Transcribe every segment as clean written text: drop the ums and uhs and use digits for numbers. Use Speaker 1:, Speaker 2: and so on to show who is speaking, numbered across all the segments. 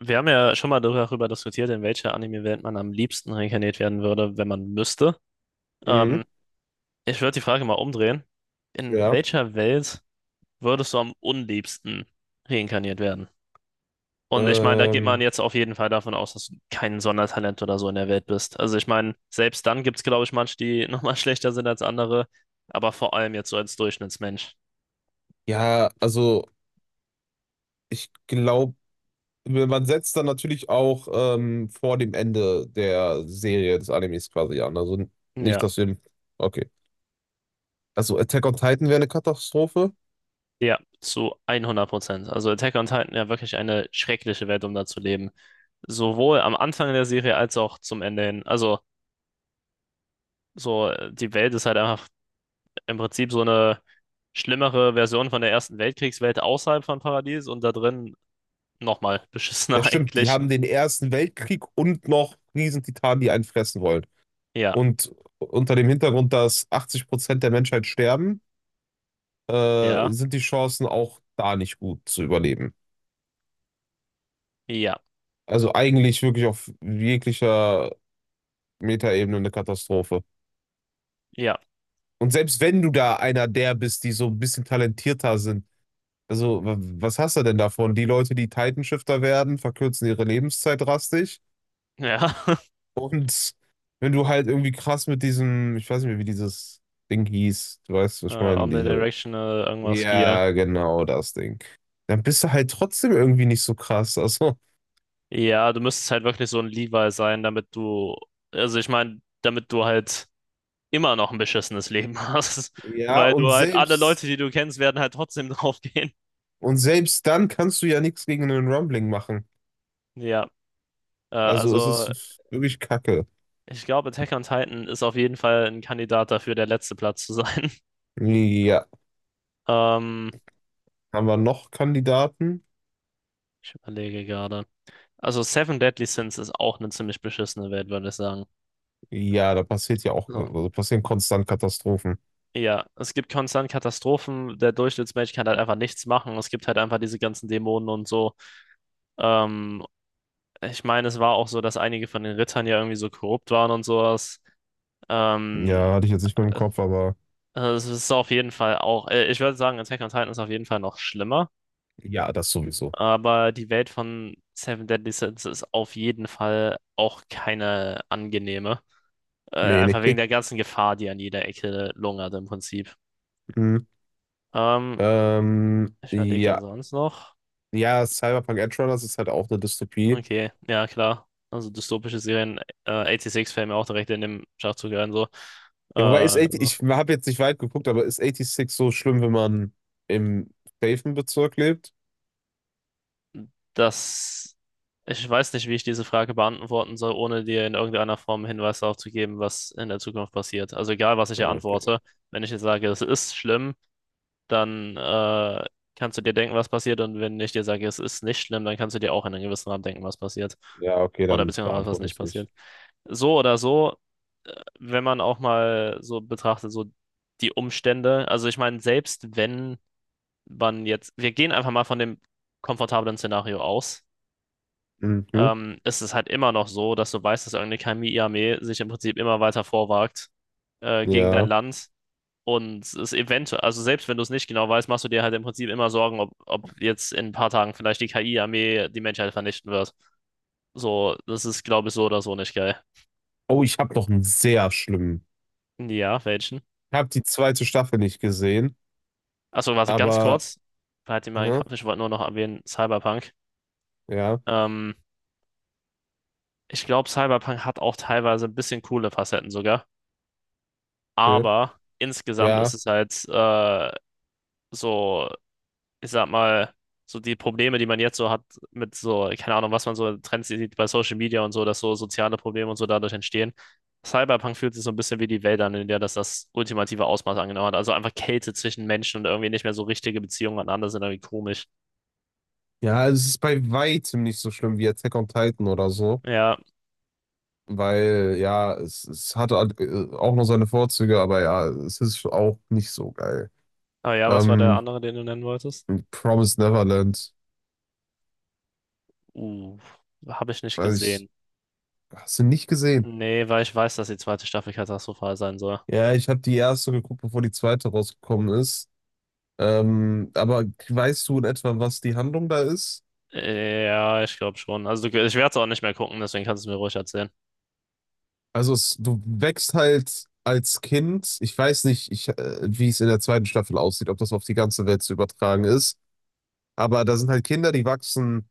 Speaker 1: Wir haben ja schon mal darüber diskutiert, in welcher Anime-Welt man am liebsten reinkarniert werden würde, wenn man müsste.
Speaker 2: Mhm,
Speaker 1: Ähm, Ich würde die Frage mal umdrehen. In
Speaker 2: ja.
Speaker 1: welcher Welt würdest du am unliebsten reinkarniert werden? Und ich meine, da geht man
Speaker 2: Ähm,
Speaker 1: jetzt auf jeden Fall davon aus, dass du kein Sondertalent oder so in der Welt bist. Also ich meine, selbst dann gibt es, glaube ich, manche, die nochmal schlechter sind als andere, aber vor allem jetzt so als Durchschnittsmensch.
Speaker 2: ja, also ich glaube, man setzt dann natürlich auch vor dem Ende der Serie des Animes quasi an. Also nicht,
Speaker 1: Ja.
Speaker 2: dass wir. Okay. Also Attack on Titan wäre eine Katastrophe.
Speaker 1: Ja, zu 100%. Also Attack on Titan ja wirklich eine schreckliche Welt, um da zu leben. Sowohl am Anfang der Serie als auch zum Ende hin. Also so die Welt ist halt einfach im Prinzip so eine schlimmere Version von der Ersten Weltkriegswelt außerhalb von Paradies und da drin nochmal
Speaker 2: Ja,
Speaker 1: beschissener
Speaker 2: stimmt. Die
Speaker 1: eigentlich.
Speaker 2: haben den Ersten Weltkrieg und noch Riesentitanen, die einen fressen wollen.
Speaker 1: Ja,
Speaker 2: Und unter dem Hintergrund, dass 80% der Menschheit sterben,
Speaker 1: ja,
Speaker 2: sind die Chancen auch da nicht gut zu überleben.
Speaker 1: ja,
Speaker 2: Also eigentlich wirklich auf jeglicher Metaebene eine Katastrophe.
Speaker 1: ja,
Speaker 2: Und selbst wenn du da einer der bist, die so ein bisschen talentierter sind, also was hast du denn davon? Die Leute, die Titanshifter werden, verkürzen ihre Lebenszeit drastisch.
Speaker 1: ja.
Speaker 2: Und wenn du halt irgendwie krass mit diesem, ich weiß nicht mehr, wie dieses Ding hieß, du weißt, was ich meine, diese,
Speaker 1: Omnidirectional, irgendwas hier.
Speaker 2: ja, genau das Ding. Dann bist du halt trotzdem irgendwie nicht so krass. Also,
Speaker 1: Ja, du müsstest halt wirklich so ein Levi sein, damit du, also ich meine, damit du halt immer noch ein beschissenes Leben hast,
Speaker 2: ja,
Speaker 1: weil du halt alle Leute, die du kennst, werden halt trotzdem draufgehen.
Speaker 2: und selbst dann kannst du ja nichts gegen einen Rumbling machen.
Speaker 1: Ja,
Speaker 2: Also, es
Speaker 1: also
Speaker 2: ist wirklich Kacke.
Speaker 1: ich glaube, Attack on Titan ist auf jeden Fall ein Kandidat dafür, der letzte Platz zu sein.
Speaker 2: Ja.
Speaker 1: Ähm,
Speaker 2: Haben wir noch Kandidaten?
Speaker 1: Ich überlege gerade. Also Seven Deadly Sins ist auch eine ziemlich beschissene Welt, würde ich sagen.
Speaker 2: Ja, da passiert ja auch,
Speaker 1: So.
Speaker 2: also passieren konstant Katastrophen.
Speaker 1: Ja, es gibt konstant Katastrophen. Der Durchschnittsmensch kann halt einfach nichts machen. Es gibt halt einfach diese ganzen Dämonen und so. Ähm, Ich meine, es war auch so, dass einige von den Rittern ja irgendwie so korrupt waren und sowas. Ähm,
Speaker 2: Ja, hatte ich jetzt nicht mehr im Kopf, aber
Speaker 1: Es ist auf jeden Fall auch, ich würde sagen, Attack on Titan ist auf jeden Fall noch schlimmer,
Speaker 2: ja, das sowieso.
Speaker 1: aber die Welt von Seven Deadly Sins ist auf jeden Fall auch keine angenehme.
Speaker 2: Nee, nee.
Speaker 1: Einfach wegen der ganzen Gefahr, die an jeder Ecke lungert im Prinzip.
Speaker 2: Hm.
Speaker 1: Ähm,
Speaker 2: Ähm,
Speaker 1: Ich überlege ja
Speaker 2: ja.
Speaker 1: sonst noch.
Speaker 2: Ja, Cyberpunk Edgerunners ist halt auch eine Dystopie.
Speaker 1: Okay, ja klar. Also dystopische Serien, 86 fällt mir auch direkt in dem Schachzug ein, so.
Speaker 2: Ja, wobei ist 80,
Speaker 1: So.
Speaker 2: ich habe jetzt nicht weit geguckt, aber ist 86 so schlimm, wenn man im safen Bezirk lebt?
Speaker 1: Das, Ich weiß nicht, wie ich diese Frage beantworten soll, ohne dir in irgendeiner Form Hinweis darauf zu geben, was in der Zukunft passiert. Also egal, was ich hier
Speaker 2: Okay.
Speaker 1: antworte, wenn ich jetzt sage, es ist schlimm, dann kannst du dir denken, was passiert. Und wenn ich dir sage, es ist nicht schlimm, dann kannst du dir auch in einem gewissen Rahmen denken, was passiert.
Speaker 2: Ja, okay,
Speaker 1: Oder
Speaker 2: dann
Speaker 1: beziehungsweise was
Speaker 2: beantworte
Speaker 1: nicht
Speaker 2: es
Speaker 1: passiert.
Speaker 2: nicht.
Speaker 1: So oder so, äh, wenn man auch mal so betrachtet, so die Umstände. Also ich meine, selbst wenn man jetzt, wir gehen einfach mal von dem komfortablen Szenario aus,
Speaker 2: Mhm.
Speaker 1: ist es halt immer noch so, dass du weißt, dass irgendeine Kami-Armee sich im Prinzip immer weiter vorwagt gegen dein
Speaker 2: Ja.
Speaker 1: Land. Und es eventuell, also selbst wenn du es nicht genau weißt, machst du dir halt im Prinzip immer Sorgen, ob, ob jetzt in ein paar Tagen vielleicht die KI-Armee die Menschheit vernichten wird. So, das ist, glaube ich, so oder so nicht geil.
Speaker 2: Oh, ich habe noch einen sehr schlimmen.
Speaker 1: Ja, welchen?
Speaker 2: Ich habe die zweite Staffel nicht gesehen,
Speaker 1: Achso, warte, ganz
Speaker 2: aber.
Speaker 1: kurz. Halt dir mal im
Speaker 2: Hä?
Speaker 1: Kopf, ich wollte nur noch erwähnen, Cyberpunk.
Speaker 2: Ja,
Speaker 1: Ähm, Ich glaube, Cyberpunk hat auch teilweise ein bisschen coole Facetten sogar.
Speaker 2: okay.
Speaker 1: Aber insgesamt
Speaker 2: Ja.
Speaker 1: ist es halt so, ich sag mal, so die Probleme, die man jetzt so hat mit so, keine Ahnung, was man so in Trends sieht bei Social Media und so, dass so soziale Probleme und so dadurch entstehen. Cyberpunk fühlt sich so ein bisschen wie die Welt an, in der das das ultimative Ausmaß angenommen hat. Also einfach Kälte zwischen Menschen und irgendwie nicht mehr so richtige Beziehungen aneinander sind irgendwie komisch.
Speaker 2: Ja, es ist bei weitem nicht so schlimm wie Attack on Titan oder so.
Speaker 1: Ja,
Speaker 2: Weil, ja, es hatte auch noch seine Vorzüge, aber ja, es ist auch nicht so geil.
Speaker 1: aber ja, was war der
Speaker 2: Ähm,
Speaker 1: andere, den du nennen wolltest?
Speaker 2: Promised Neverland.
Speaker 1: Uh, Habe ich nicht
Speaker 2: Weiß
Speaker 1: gesehen.
Speaker 2: ich, hast du nicht gesehen?
Speaker 1: Nee, weil ich weiß, dass die zweite Staffel katastrophal sein soll.
Speaker 2: Ja, ich habe die erste geguckt, bevor die zweite rausgekommen ist. Aber weißt du in etwa, was die Handlung da ist?
Speaker 1: Ja, ich glaube schon. Also ich werde es auch nicht mehr gucken, deswegen kannst du es mir ruhig erzählen.
Speaker 2: Also es, du wächst halt als Kind, ich weiß nicht, ich, wie es in der zweiten Staffel aussieht, ob das auf die ganze Welt zu übertragen ist, aber da sind halt Kinder, die wachsen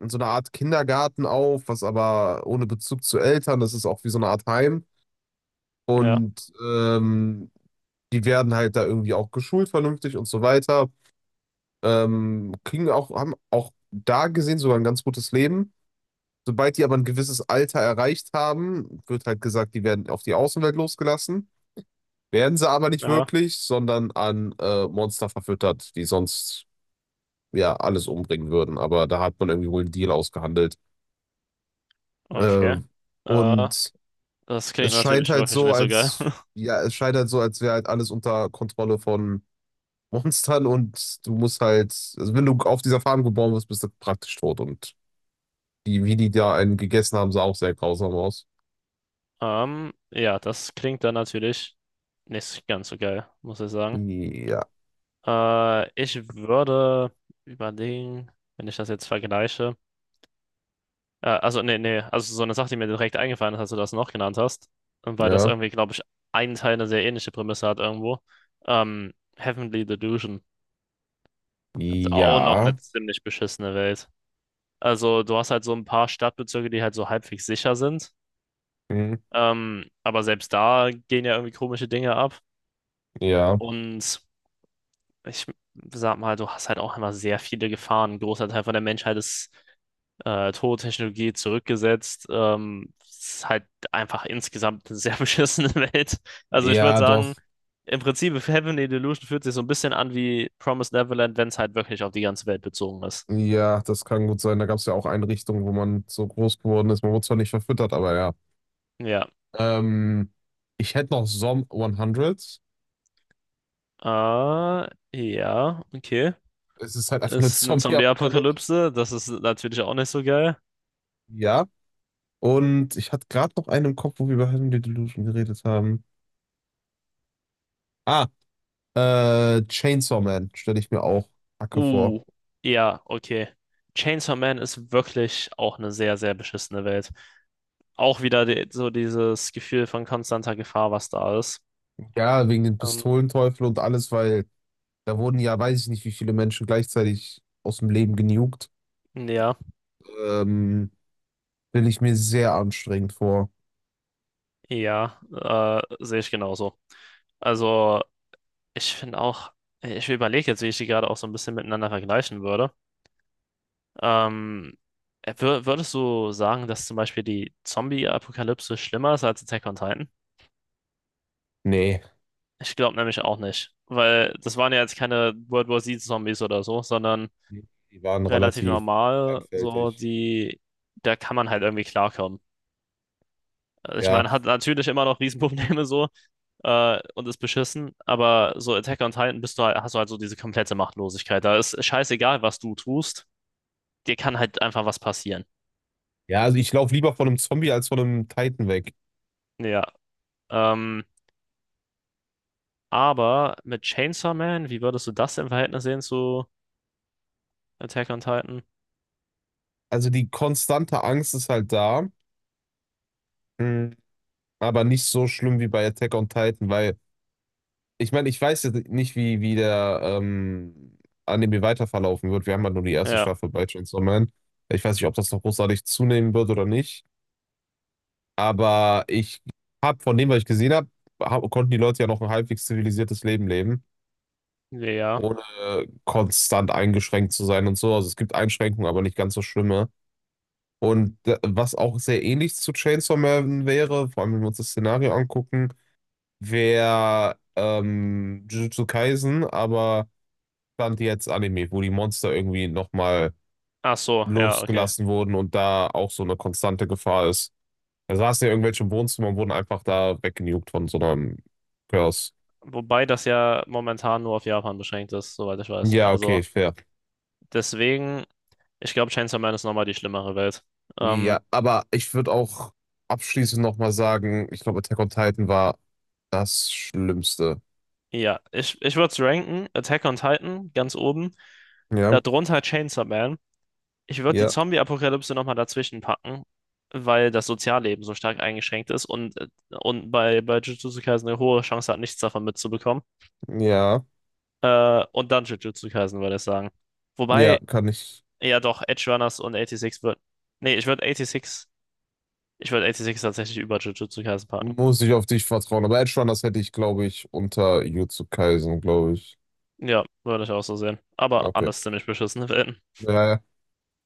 Speaker 2: in so einer Art Kindergarten auf, was aber ohne Bezug zu Eltern, das ist auch wie so eine Art Heim
Speaker 1: Ja,
Speaker 2: und die werden halt da irgendwie auch geschult vernünftig und so weiter, kriegen auch, haben auch da gesehen sogar ein ganz gutes Leben. Sobald die aber ein gewisses Alter erreicht haben, wird halt gesagt, die werden auf die Außenwelt losgelassen. Werden sie aber nicht
Speaker 1: ja.
Speaker 2: wirklich, sondern an Monster verfüttert, die sonst ja alles umbringen würden. Aber da hat man irgendwie wohl einen Deal ausgehandelt. Äh,
Speaker 1: Okay. Äh,
Speaker 2: und
Speaker 1: Das klingt
Speaker 2: es scheint
Speaker 1: natürlich
Speaker 2: halt
Speaker 1: wirklich
Speaker 2: so,
Speaker 1: nicht so geil.
Speaker 2: als ja, es scheint halt so, als wäre halt alles unter Kontrolle von Monstern und du musst halt, also wenn du auf dieser Farm geboren wirst, bist du praktisch tot. Und die, wie die da einen gegessen haben, sah auch sehr grausam aus.
Speaker 1: Ja, das klingt dann natürlich nicht ganz so geil, muss ich sagen.
Speaker 2: Ja,
Speaker 1: Ich würde überlegen, wenn ich das jetzt vergleiche. Also, nee, nee, also so eine Sache, die mir direkt eingefallen ist, als du das noch genannt hast, und weil das
Speaker 2: ja,
Speaker 1: irgendwie, glaube ich, einen Teil eine sehr ähnliche Prämisse hat irgendwo. Heavenly Delusion. Das ist auch noch eine
Speaker 2: ja,
Speaker 1: ziemlich beschissene Welt. Also, du hast halt so ein paar Stadtbezirke, die halt so halbwegs sicher sind.
Speaker 2: hm,
Speaker 1: Aber selbst da gehen ja irgendwie komische Dinge ab.
Speaker 2: ja,
Speaker 1: Und ich sag mal, du hast halt auch immer sehr viele Gefahren. Ein großer Teil von der Menschheit ist tot, Technologie zurückgesetzt. Es ist halt einfach insgesamt eine sehr beschissene Welt. Also ich würde
Speaker 2: ja, doch.
Speaker 1: sagen, im Prinzip, Heavenly Delusion fühlt sich so ein bisschen an wie Promised Neverland, wenn es halt wirklich auf die ganze Welt bezogen ist.
Speaker 2: Ja, das kann gut sein. Da gab es ja auch Einrichtungen, wo man so groß geworden ist. Man wurde zwar nicht verfüttert, aber ja.
Speaker 1: Ja.
Speaker 2: Ähm, ich hätte noch Zom 100.
Speaker 1: Äh, ja, okay.
Speaker 2: Es ist halt einfach eine
Speaker 1: Ist eine
Speaker 2: Zombie-Apokalypse.
Speaker 1: Zombie-Apokalypse, das ist natürlich auch nicht so geil.
Speaker 2: Ja. Und ich hatte gerade noch einen im Kopf, wo wir über Heavenly Delusion geredet haben. Ah, Chainsaw Man stelle ich mir auch Hacke vor.
Speaker 1: Uh, ja, okay. Chainsaw Man ist wirklich auch eine sehr, sehr beschissene Welt. Auch wieder die, so dieses Gefühl von konstanter Gefahr, was da ist.
Speaker 2: Ja, wegen den
Speaker 1: Ähm,
Speaker 2: Pistolenteufel und alles, weil da wurden ja, weiß ich nicht, wie viele Menschen gleichzeitig aus dem Leben genugt.
Speaker 1: ja,
Speaker 2: Ähm, stelle ich mir sehr anstrengend vor.
Speaker 1: ja, sehe ich genauso. Also, ich finde auch, ich überlege jetzt, wie ich die gerade auch so ein bisschen miteinander vergleichen würde. Ähm, Würdest du sagen, dass zum Beispiel die Zombie-Apokalypse schlimmer ist als Attack on Titan?
Speaker 2: Nee.
Speaker 1: Ich glaube nämlich auch nicht, weil das waren ja jetzt keine World War Z-Zombies oder so, sondern
Speaker 2: Die waren
Speaker 1: relativ
Speaker 2: relativ
Speaker 1: normal. So,
Speaker 2: einfältig.
Speaker 1: die, da kann man halt irgendwie klarkommen. Also ich
Speaker 2: Ja,
Speaker 1: meine, hat natürlich immer noch Riesenprobleme so und ist beschissen, aber so Attack on Titan bist du halt, hast du halt so diese komplette Machtlosigkeit. Da ist scheißegal, was du tust, dir kann halt einfach was passieren.
Speaker 2: ja, also ich laufe lieber von einem Zombie als von einem Titan weg.
Speaker 1: Ja, ähm, aber mit Chainsaw Man, wie würdest du das im Verhältnis sehen zu Attack on Titan?
Speaker 2: Also die konstante Angst ist halt da, mm, aber nicht so schlimm wie bei Attack on Titan, weil ich meine, ich weiß jetzt nicht, wie, wie der Anime weiter verlaufen wird. Wir haben halt nur die erste
Speaker 1: Ja,
Speaker 2: Staffel bei Chainsaw Man. Ich weiß nicht, ob das noch großartig zunehmen wird oder nicht, aber ich habe von dem, was ich gesehen habe, hab, konnten die Leute ja noch ein halbwegs zivilisiertes Leben leben
Speaker 1: ja.
Speaker 2: ohne konstant eingeschränkt zu sein und so. Also es gibt Einschränkungen, aber nicht ganz so schlimme. Und was auch sehr ähnlich zu Chainsaw Man wäre, vor allem wenn wir uns das Szenario angucken, wäre Jujutsu Kaisen, aber stand jetzt Anime, wo die Monster irgendwie nochmal
Speaker 1: Ach so, ja, okay.
Speaker 2: losgelassen wurden und da auch so eine konstante Gefahr ist. Da saßen ja irgendwelche im Wohnzimmer und wurden einfach da weggenugt von so einem Curse.
Speaker 1: Wobei das ja momentan nur auf Japan beschränkt ist, soweit ich weiß.
Speaker 2: Ja,
Speaker 1: Also
Speaker 2: okay, fair.
Speaker 1: deswegen. Ich glaube, Chainsaw Man ist nochmal die schlimmere Welt. Ähm,
Speaker 2: Ja, aber ich würde auch abschließend nochmal sagen, ich glaube, Attack on Titan war das Schlimmste.
Speaker 1: ja, ich würde es ranken. Attack on Titan ganz oben.
Speaker 2: Ja,
Speaker 1: Darunter Chainsaw Man. Ich würde die
Speaker 2: ja,
Speaker 1: Zombie-Apokalypse nochmal dazwischen packen, weil das Sozialleben so stark eingeschränkt ist und, bei, Jujutsu Kaisen eine hohe Chance hat, nichts davon mitzubekommen.
Speaker 2: ja,
Speaker 1: Und dann Jujutsu Kaisen würde ich sagen.
Speaker 2: ja,
Speaker 1: Wobei,
Speaker 2: kann ich,
Speaker 1: ja doch, Edge Runners und 86 wird. Nee, ich würde 86. Ich würde 86 tatsächlich über Jujutsu Kaisen packen.
Speaker 2: muss ich auf dich vertrauen. Aber Edge Runners hätte ich, glaube ich, unter Jujutsu Kaisen, glaube ich.
Speaker 1: Ja, würde ich auch so sehen. Aber
Speaker 2: Okay.
Speaker 1: anders ziemlich beschissene Welten.
Speaker 2: Ja, ja.